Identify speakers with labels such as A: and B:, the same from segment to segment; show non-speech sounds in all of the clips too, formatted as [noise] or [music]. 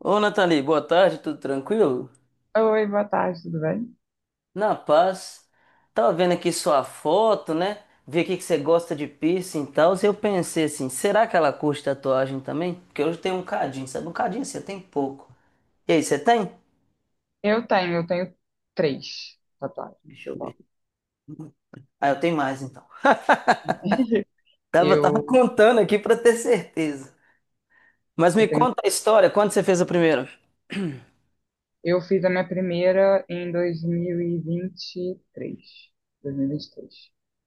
A: Ô, Nathalie, boa tarde, tudo tranquilo?
B: Oi, boa tarde, tudo bem?
A: Na paz. Tava vendo aqui sua foto, né? Vi aqui que você gosta de piercing e tal. E eu pensei assim, será que ela curte tatuagem também? Porque hoje tem um cadinho, sabe? Um cadinho você tem pouco. E aí, você tem?
B: Eu tenho três tatuagens
A: Deixa eu
B: só.
A: ver. Ah, eu tenho mais então.
B: [laughs]
A: Tava
B: Eu,
A: [laughs] contando aqui pra ter certeza. Mas me
B: eu tenho,
A: conta a história, quando você fez a primeira?
B: eu fiz a minha primeira em 2023. 2023.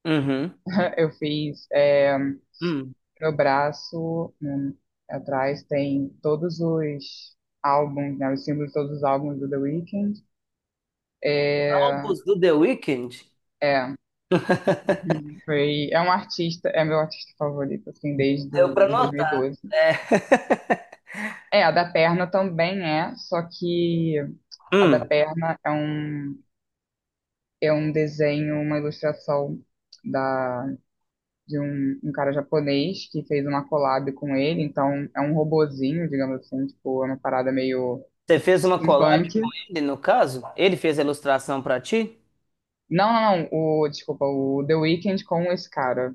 A: Uhum.
B: [laughs] Eu fiz
A: Hum.
B: meu braço, atrás tem todos os álbuns, né? Os símbolos de todos os álbuns do The Weeknd. É,
A: Álbuns do The Weeknd?
B: é, foi, é um artista, é meu artista favorito, assim, desde
A: Deu pra
B: de
A: notar,
B: 2012.
A: né? [laughs]
B: É, a da perna também é, só que a da
A: Hum.
B: perna é é um desenho, uma ilustração da, de um cara japonês que fez uma collab com ele, então é um robozinho, digamos assim, tipo, é uma parada meio
A: Você fez uma collab
B: steampunk.
A: com ele, no caso? Ele fez a ilustração pra ti?
B: Não, não, não, desculpa, o The Weeknd com esse cara.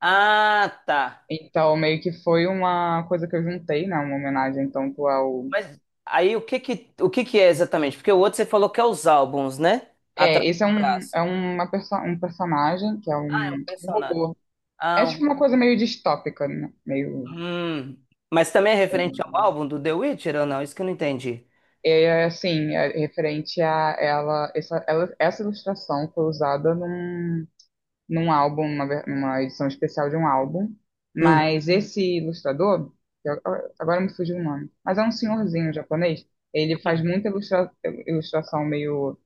A: Ah, tá.
B: Então, meio que foi uma coisa que eu juntei, né, uma homenagem tanto ao...
A: Mas aí o que que é exatamente? Porque o outro você falou que é os álbuns, né?
B: É,
A: Atrás do
B: esse é um,
A: braço.
B: é uma perso um personagem que é
A: Ah, é um
B: um
A: personagem.
B: robô.
A: Ah,
B: É
A: um
B: tipo uma
A: robô.
B: coisa meio distópica, né? Meio.
A: Hum. Mas também é
B: É
A: referente ao álbum do The Witcher ou não? Isso que eu não entendi.
B: assim, é referente a ela. Essa ilustração foi usada num álbum, numa edição especial de um álbum.
A: Hum.
B: Mas esse ilustrador, que eu- agora me fugiu o nome, mas é um senhorzinho japonês. Ele faz muita ilustração meio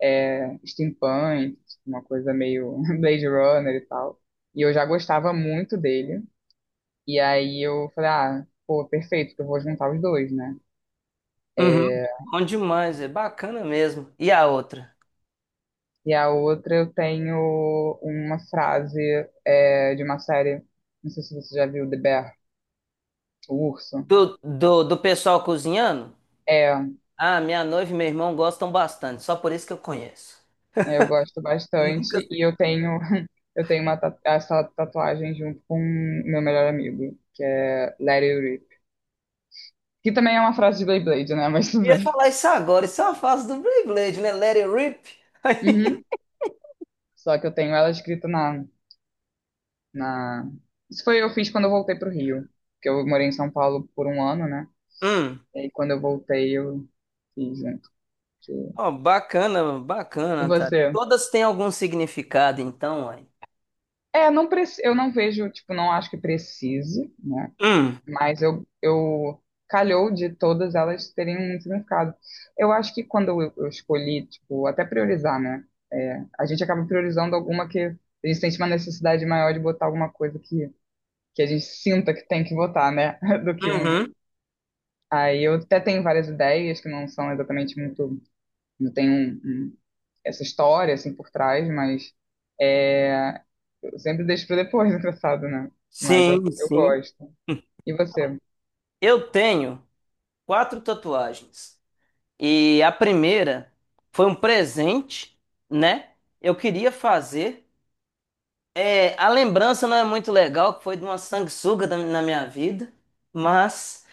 B: steampunk, uma coisa meio [laughs] Blade Runner e tal. E eu já gostava muito dele. E aí eu falei, ah, pô, perfeito, que eu vou juntar os dois, né?
A: Uhum.
B: É,
A: Bom demais, é bacana mesmo. E a outra?
B: e a outra eu tenho uma frase de uma série, não sei se você já viu, The Bear, o Urso.
A: Do pessoal cozinhando?
B: É,
A: Ah, minha noiva e meu irmão gostam bastante, só por isso que eu conheço.
B: eu gosto
A: Eu nunca.
B: bastante e eu tenho [laughs] eu tenho uma ta- essa tatuagem junto com meu melhor amigo, que é Let It Rip. Que também é uma frase de Beyblade, né? [laughs] Mas tudo
A: Eu ia
B: bem.
A: falar isso agora, isso é uma fase do Beyblade, né? Let it rip.
B: Uhum. Só que eu tenho ela escrita na na... Isso foi, eu fiz quando eu voltei pro Rio, que eu morei em São Paulo por um ano, né?
A: Hum.
B: E aí, quando eu voltei, eu fiz junto. que-
A: [laughs] Ó, bacana,
B: E
A: bacana, tá?
B: você?
A: Todas têm algum significado, então, ué.
B: É, não eu não vejo, tipo, não acho que precise, né?
A: Hum,
B: Mas eu calhou de todas elas terem um significado. Eu acho que quando eu escolhi, tipo, até priorizar, né? É, a gente acaba priorizando alguma que a gente sente uma necessidade maior de botar alguma coisa que a gente sinta que tem que botar, né? [laughs] Do que um.
A: uhum.
B: Aí eu até tenho várias ideias que não são exatamente muito. Não tem essa história assim por trás, mas é, eu sempre deixo para depois, [laughs] engraçado, né? Mas eu,
A: Sim,
B: eu
A: sim.
B: gosto. E você?
A: Eu tenho quatro tatuagens. E a primeira foi um presente, né? Eu queria fazer. É, a lembrança não é muito legal, que foi de uma sanguessuga da- na minha vida, mas,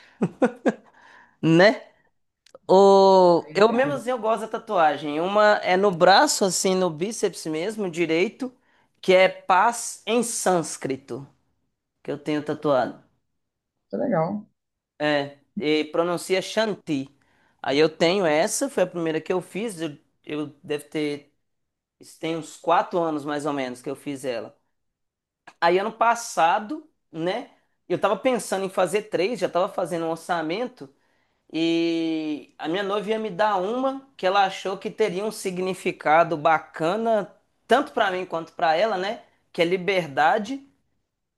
A: né? O...
B: Eu
A: Eu mesmo
B: entendo.
A: assim eu gosto da tatuagem. Uma é no braço, assim, no bíceps mesmo, direito, que é paz em sânscrito, que eu tenho tatuado.
B: Tá legal.
A: E pronuncia Shanti. Aí eu tenho essa, foi a primeira que eu fiz. Eu deve ter. Isso tem uns 4 anos mais ou menos que eu fiz ela. Aí ano passado, né? Eu tava pensando em fazer três, já tava fazendo um orçamento. E a minha noiva ia me dar uma que ela achou que teria um significado bacana, tanto pra mim quanto pra ela, né? Que é liberdade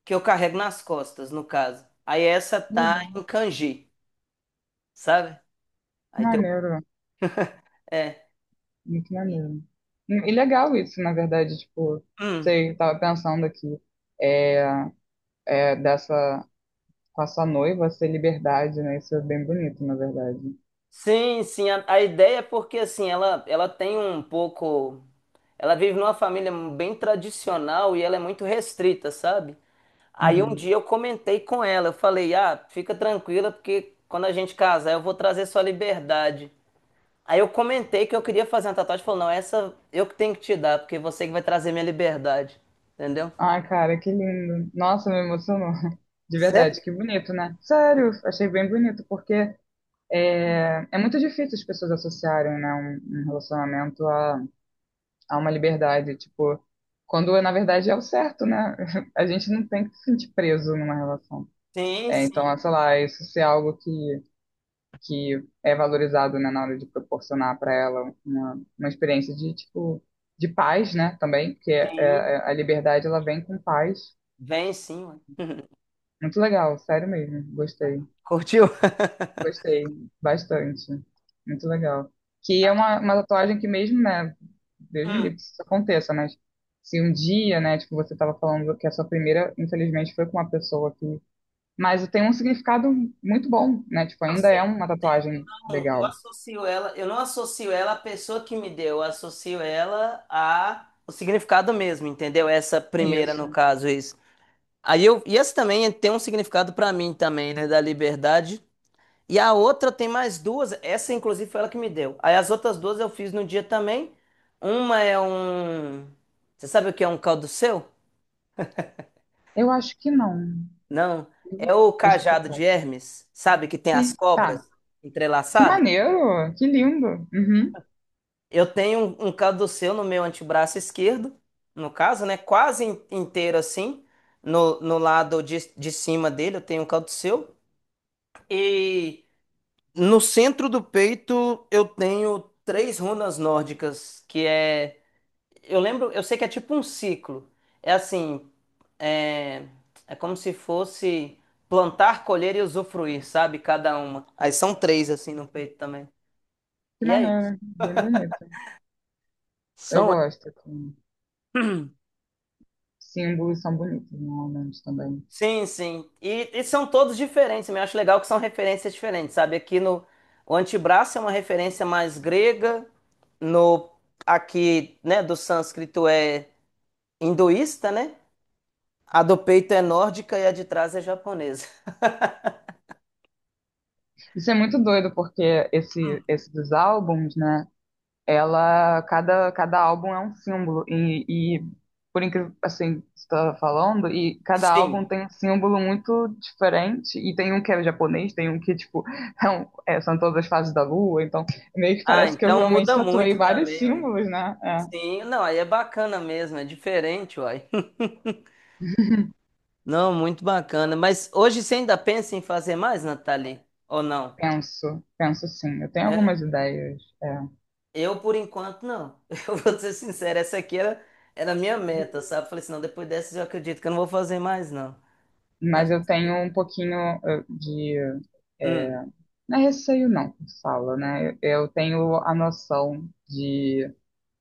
A: que eu carrego nas costas, no caso. Aí essa
B: Que
A: tá
B: legal.
A: em kanji, sabe?
B: Que
A: Aí tem o-.
B: maneiro.
A: É.
B: Muito maneiro. E legal isso, na verdade, tipo,
A: Hum.
B: você tava pensando aqui, é, dessa, com a sua noiva, ser liberdade, né? Isso é bem bonito, na verdade.
A: Sim, sim, a ideia é porque assim, ela tem um pouco. Ela vive numa família bem tradicional e ela é muito restrita, sabe? Aí um
B: Uhum.
A: dia eu comentei com ela, eu falei, ah, fica tranquila, porque quando a gente casar eu vou trazer sua liberdade. Aí eu comentei que eu queria fazer uma tatuagem, falou, não, essa eu que tenho que te dar, porque você que vai trazer minha liberdade, entendeu?
B: Ai, cara, que lindo. Nossa, me emocionou. [laughs] De verdade,
A: Sério?
B: que bonito, né? Sério, achei bem bonito, porque muito difícil as pessoas associarem, né, um relacionamento a uma liberdade, tipo, quando na verdade é o certo, né? [laughs] A gente não tem que se sentir preso numa relação.
A: Sim,
B: É, então,
A: sim,
B: sei lá, isso ser algo que é valorizado, né, na hora de proporcionar para ela uma experiência de, tipo, de paz, né, também, porque
A: sim.
B: a liberdade, ela vem com paz.
A: Vem sim, ué. [laughs]
B: Muito legal, sério mesmo. Gostei,
A: Curtiu?
B: gostei bastante. Muito legal. Que é uma tatuagem que mesmo, né? Deus me livre que isso aconteça, mas se um dia, né, tipo, você estava falando que a sua primeira, infelizmente, foi com uma pessoa que. Mas tem um significado muito bom, né? Tipo,
A: Não
B: ainda é
A: sei,
B: uma tatuagem
A: eu
B: legal.
A: associo ela, eu não associo ela à pessoa que me deu, eu associo ela a o significado mesmo, entendeu? Essa primeira, no
B: Isso.
A: caso, isso. Aí eu, e essa também tem um significado pra mim também, né, da liberdade. E a outra tem mais duas, essa inclusive foi ela que me deu. Aí as outras duas eu fiz no dia também. Uma é um, você sabe o que é um caldo seu?
B: Eu acho que não.
A: Não, é o
B: Deixa eu
A: cajado
B: procurar
A: de
B: aqui.
A: Hermes, sabe que tem as
B: Sim. Tá.
A: cobras
B: Que
A: entrelaçadas?
B: maneiro! Que lindo! Uhum.
A: Eu tenho um, caduceu no meu antebraço esquerdo, no caso, né? Quase in- inteiro assim. No lado de cima dele eu tenho um caduceu. E no centro do peito eu tenho três runas nórdicas, que é. Eu lembro, eu sei que é tipo um ciclo. É assim, é, é como se fosse plantar, colher e usufruir, sabe? Cada uma. Aí são três assim no peito também.
B: Que
A: E é isso.
B: maneiro. Bem bonito. Eu
A: São.
B: gosto. Assim, símbolos são bonitos normalmente também.
A: Sim, sim. E são todos diferentes. Eu acho legal que são referências diferentes, sabe? Aqui no o antebraço é uma referência mais grega, no aqui, né, do sânscrito é hinduísta, né? A do peito é nórdica e a de trás é japonesa.
B: Isso é muito doido porque esse dos álbuns, né? Ela cada álbum é um símbolo e por incrível assim que você está falando e
A: [laughs]
B: cada álbum
A: Sim.
B: tem um símbolo muito diferente e tem um que é japonês, tem um que tipo [laughs] são todas as fases da lua, então meio que
A: Ah,
B: parece que eu
A: então
B: realmente
A: muda
B: tatuei
A: muito
B: vários
A: também, ué.
B: símbolos, né? É,
A: Sim, não, aí é bacana mesmo, é diferente, uai. [laughs] Não, muito bacana. Mas hoje você ainda pensa em fazer mais, Nathalie? Ou não?
B: penso, penso sim. Eu tenho algumas ideias. É.
A: Eu, por enquanto, não. [laughs] Eu vou ser sincero, essa aqui era a minha meta, sabe? Falei assim, não, depois dessas eu acredito que eu não vou fazer mais, não. Mas,
B: Mas eu tenho um pouquinho de.
A: hum.
B: eh, não é receio, não, que fala, né? Eu tenho a noção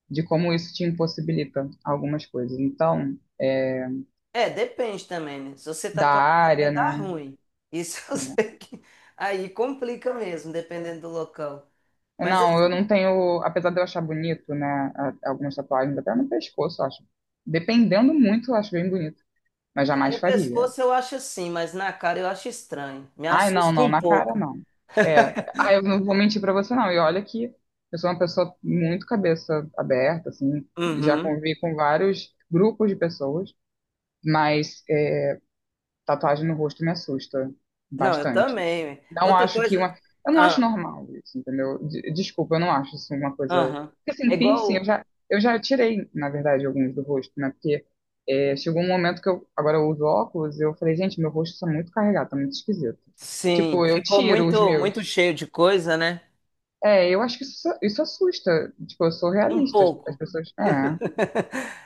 B: de como isso te impossibilita algumas coisas. Então,
A: É, depende também, né? Se você
B: da
A: tatuar a cara,
B: área,
A: dá
B: né?
A: ruim. Isso [laughs] eu
B: É.
A: sei que... Aí complica mesmo, dependendo do local. Mas
B: Não, eu não
A: assim,
B: tenho. Apesar de eu achar bonito, né? Algumas tatuagens, até no pescoço, eu acho. Dependendo muito, eu acho bem bonito, mas
A: é,
B: jamais
A: no
B: faria.
A: pescoço eu acho assim, mas na cara eu acho estranho. Me
B: Ai, não,
A: assusta
B: não,
A: um
B: na cara
A: pouco.
B: não. É, ah, eu não vou mentir pra você não. E olha que eu sou uma pessoa muito cabeça aberta, assim, já
A: Uhum.
B: convivi com vários grupos de pessoas, mas tatuagem no rosto me assusta
A: Não, eu
B: bastante.
A: também. Ué.
B: Não
A: Outra
B: acho que
A: coisa...
B: uma. Eu não acho
A: Ah,
B: normal isso, entendeu? Desculpa, eu não acho isso uma coisa.
A: aham.
B: Porque
A: É
B: assim, piercing,
A: igual...
B: eu já tirei, na verdade, alguns do rosto, né? Porque chegou um momento que eu. Agora eu uso óculos e eu falei, gente, meu rosto está muito carregado, tá muito esquisito.
A: Sim,
B: Tipo, eu
A: ficou
B: tiro os
A: muito
B: meus.
A: cheio de coisa, né?
B: É, eu acho que isso assusta. Tipo, eu sou
A: Um
B: realista. As
A: pouco.
B: pessoas.
A: [laughs]
B: É.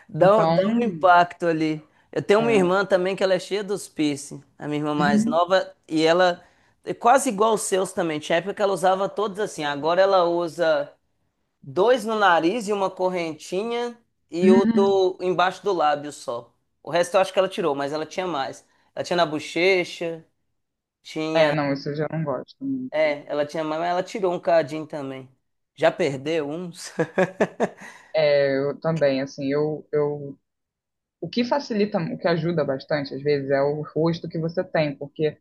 B: Então.
A: Dá um impacto ali. Eu tenho uma
B: É.
A: irmã também que ela é cheia dos piercing, a minha irmã mais nova, e ela é quase igual os seus também. Tinha época que ela usava todos assim, agora ela usa dois no nariz e uma correntinha e o
B: [laughs]
A: do embaixo do lábio só. O resto eu acho que ela tirou, mas ela tinha mais. Ela tinha na bochecha.
B: É, não, isso eu já não gosto muito.
A: É, ela tinha mais, mas ela tirou um cadinho também. Já perdeu uns? [laughs]
B: É, eu também, assim, o que facilita, o que ajuda bastante, às vezes, é o rosto que você tem, porque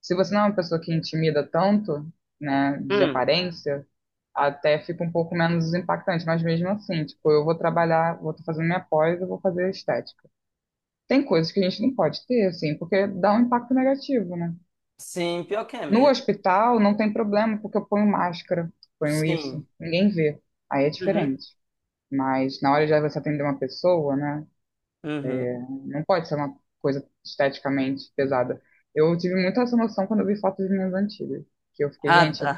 B: se você não é uma pessoa que intimida tanto, né, de
A: Hum.
B: aparência, até fica um pouco menos impactante, mas mesmo assim, tipo, eu vou trabalhar, vou estar fazendo minha pós, eu vou fazer estética. Tem coisas que a gente não pode ter, assim, porque dá um impacto negativo, né?
A: Sim, pior que é
B: No
A: mesmo.
B: hospital não tem problema, porque eu ponho máscara, ponho isso,
A: Sim.
B: ninguém vê, aí é
A: Uhum,
B: diferente. Mas na hora de você atender uma pessoa, né?
A: uhum.
B: Não pode ser uma coisa esteticamente pesada. Eu tive muita essa noção quando eu vi fotos minhas antigas. Que eu fiquei,
A: Ah, tá.
B: gente,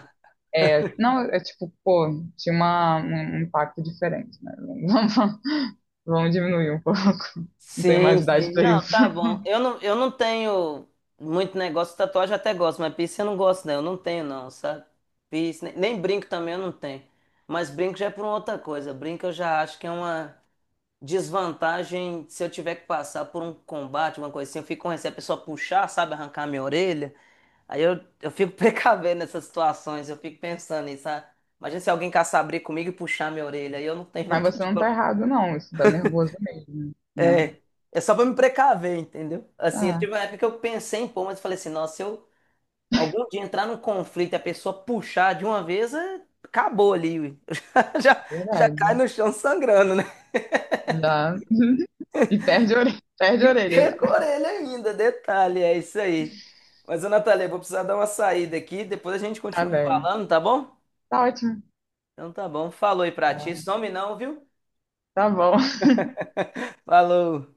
B: não, é tipo, pô, tinha uma, um impacto diferente, né? [laughs] Vamos, vamos diminuir um pouco. [laughs] Não tem mais
A: Sim,
B: idade
A: sim.
B: pra
A: Não,
B: isso.
A: tá bom. Eu não tenho muito negócio de tatuagem, eu até gosto, mas piercing eu não gosto, não. Eu não tenho, não, sabe? Piercing, nem brinco também eu não tenho. Mas brinco já é por uma outra coisa. Brinco eu já acho que é uma desvantagem se eu tiver que passar por um combate, uma coisa assim. Eu fico com receio a pessoa puxar, sabe? Arrancar minha orelha. Aí eu fico [laughs] precavendo nessas situações, eu fico pensando nisso, sabe? Imagina se alguém caçar briga comigo e puxar minha orelha, aí eu não tenho [laughs]
B: Mas
A: vontade
B: você
A: de
B: não tá
A: colocar.
B: errado, não. Isso dá nervoso mesmo, né?
A: É, é só pra me precaver, entendeu? Assim, eu
B: Ah,
A: tive uma época que eu pensei em pôr, mas eu falei assim, nossa, se eu algum dia entrar num conflito e a pessoa puxar de uma vez, é- acabou ali, ui. [laughs] Já,
B: é
A: já cai
B: verdade.
A: no chão sangrando, né? [laughs]
B: Já. [laughs] E perde a orelha
A: E
B: já.
A: com a orelha ainda, detalhe, é isso aí. Mas, ô Natália, eu vou precisar dar uma saída aqui, depois a gente
B: Tá
A: continua
B: bem.
A: falando, tá bom?
B: Tá ótimo.
A: Então tá bom, falou aí pra ti, some não, viu?
B: Tá bom.
A: Falou.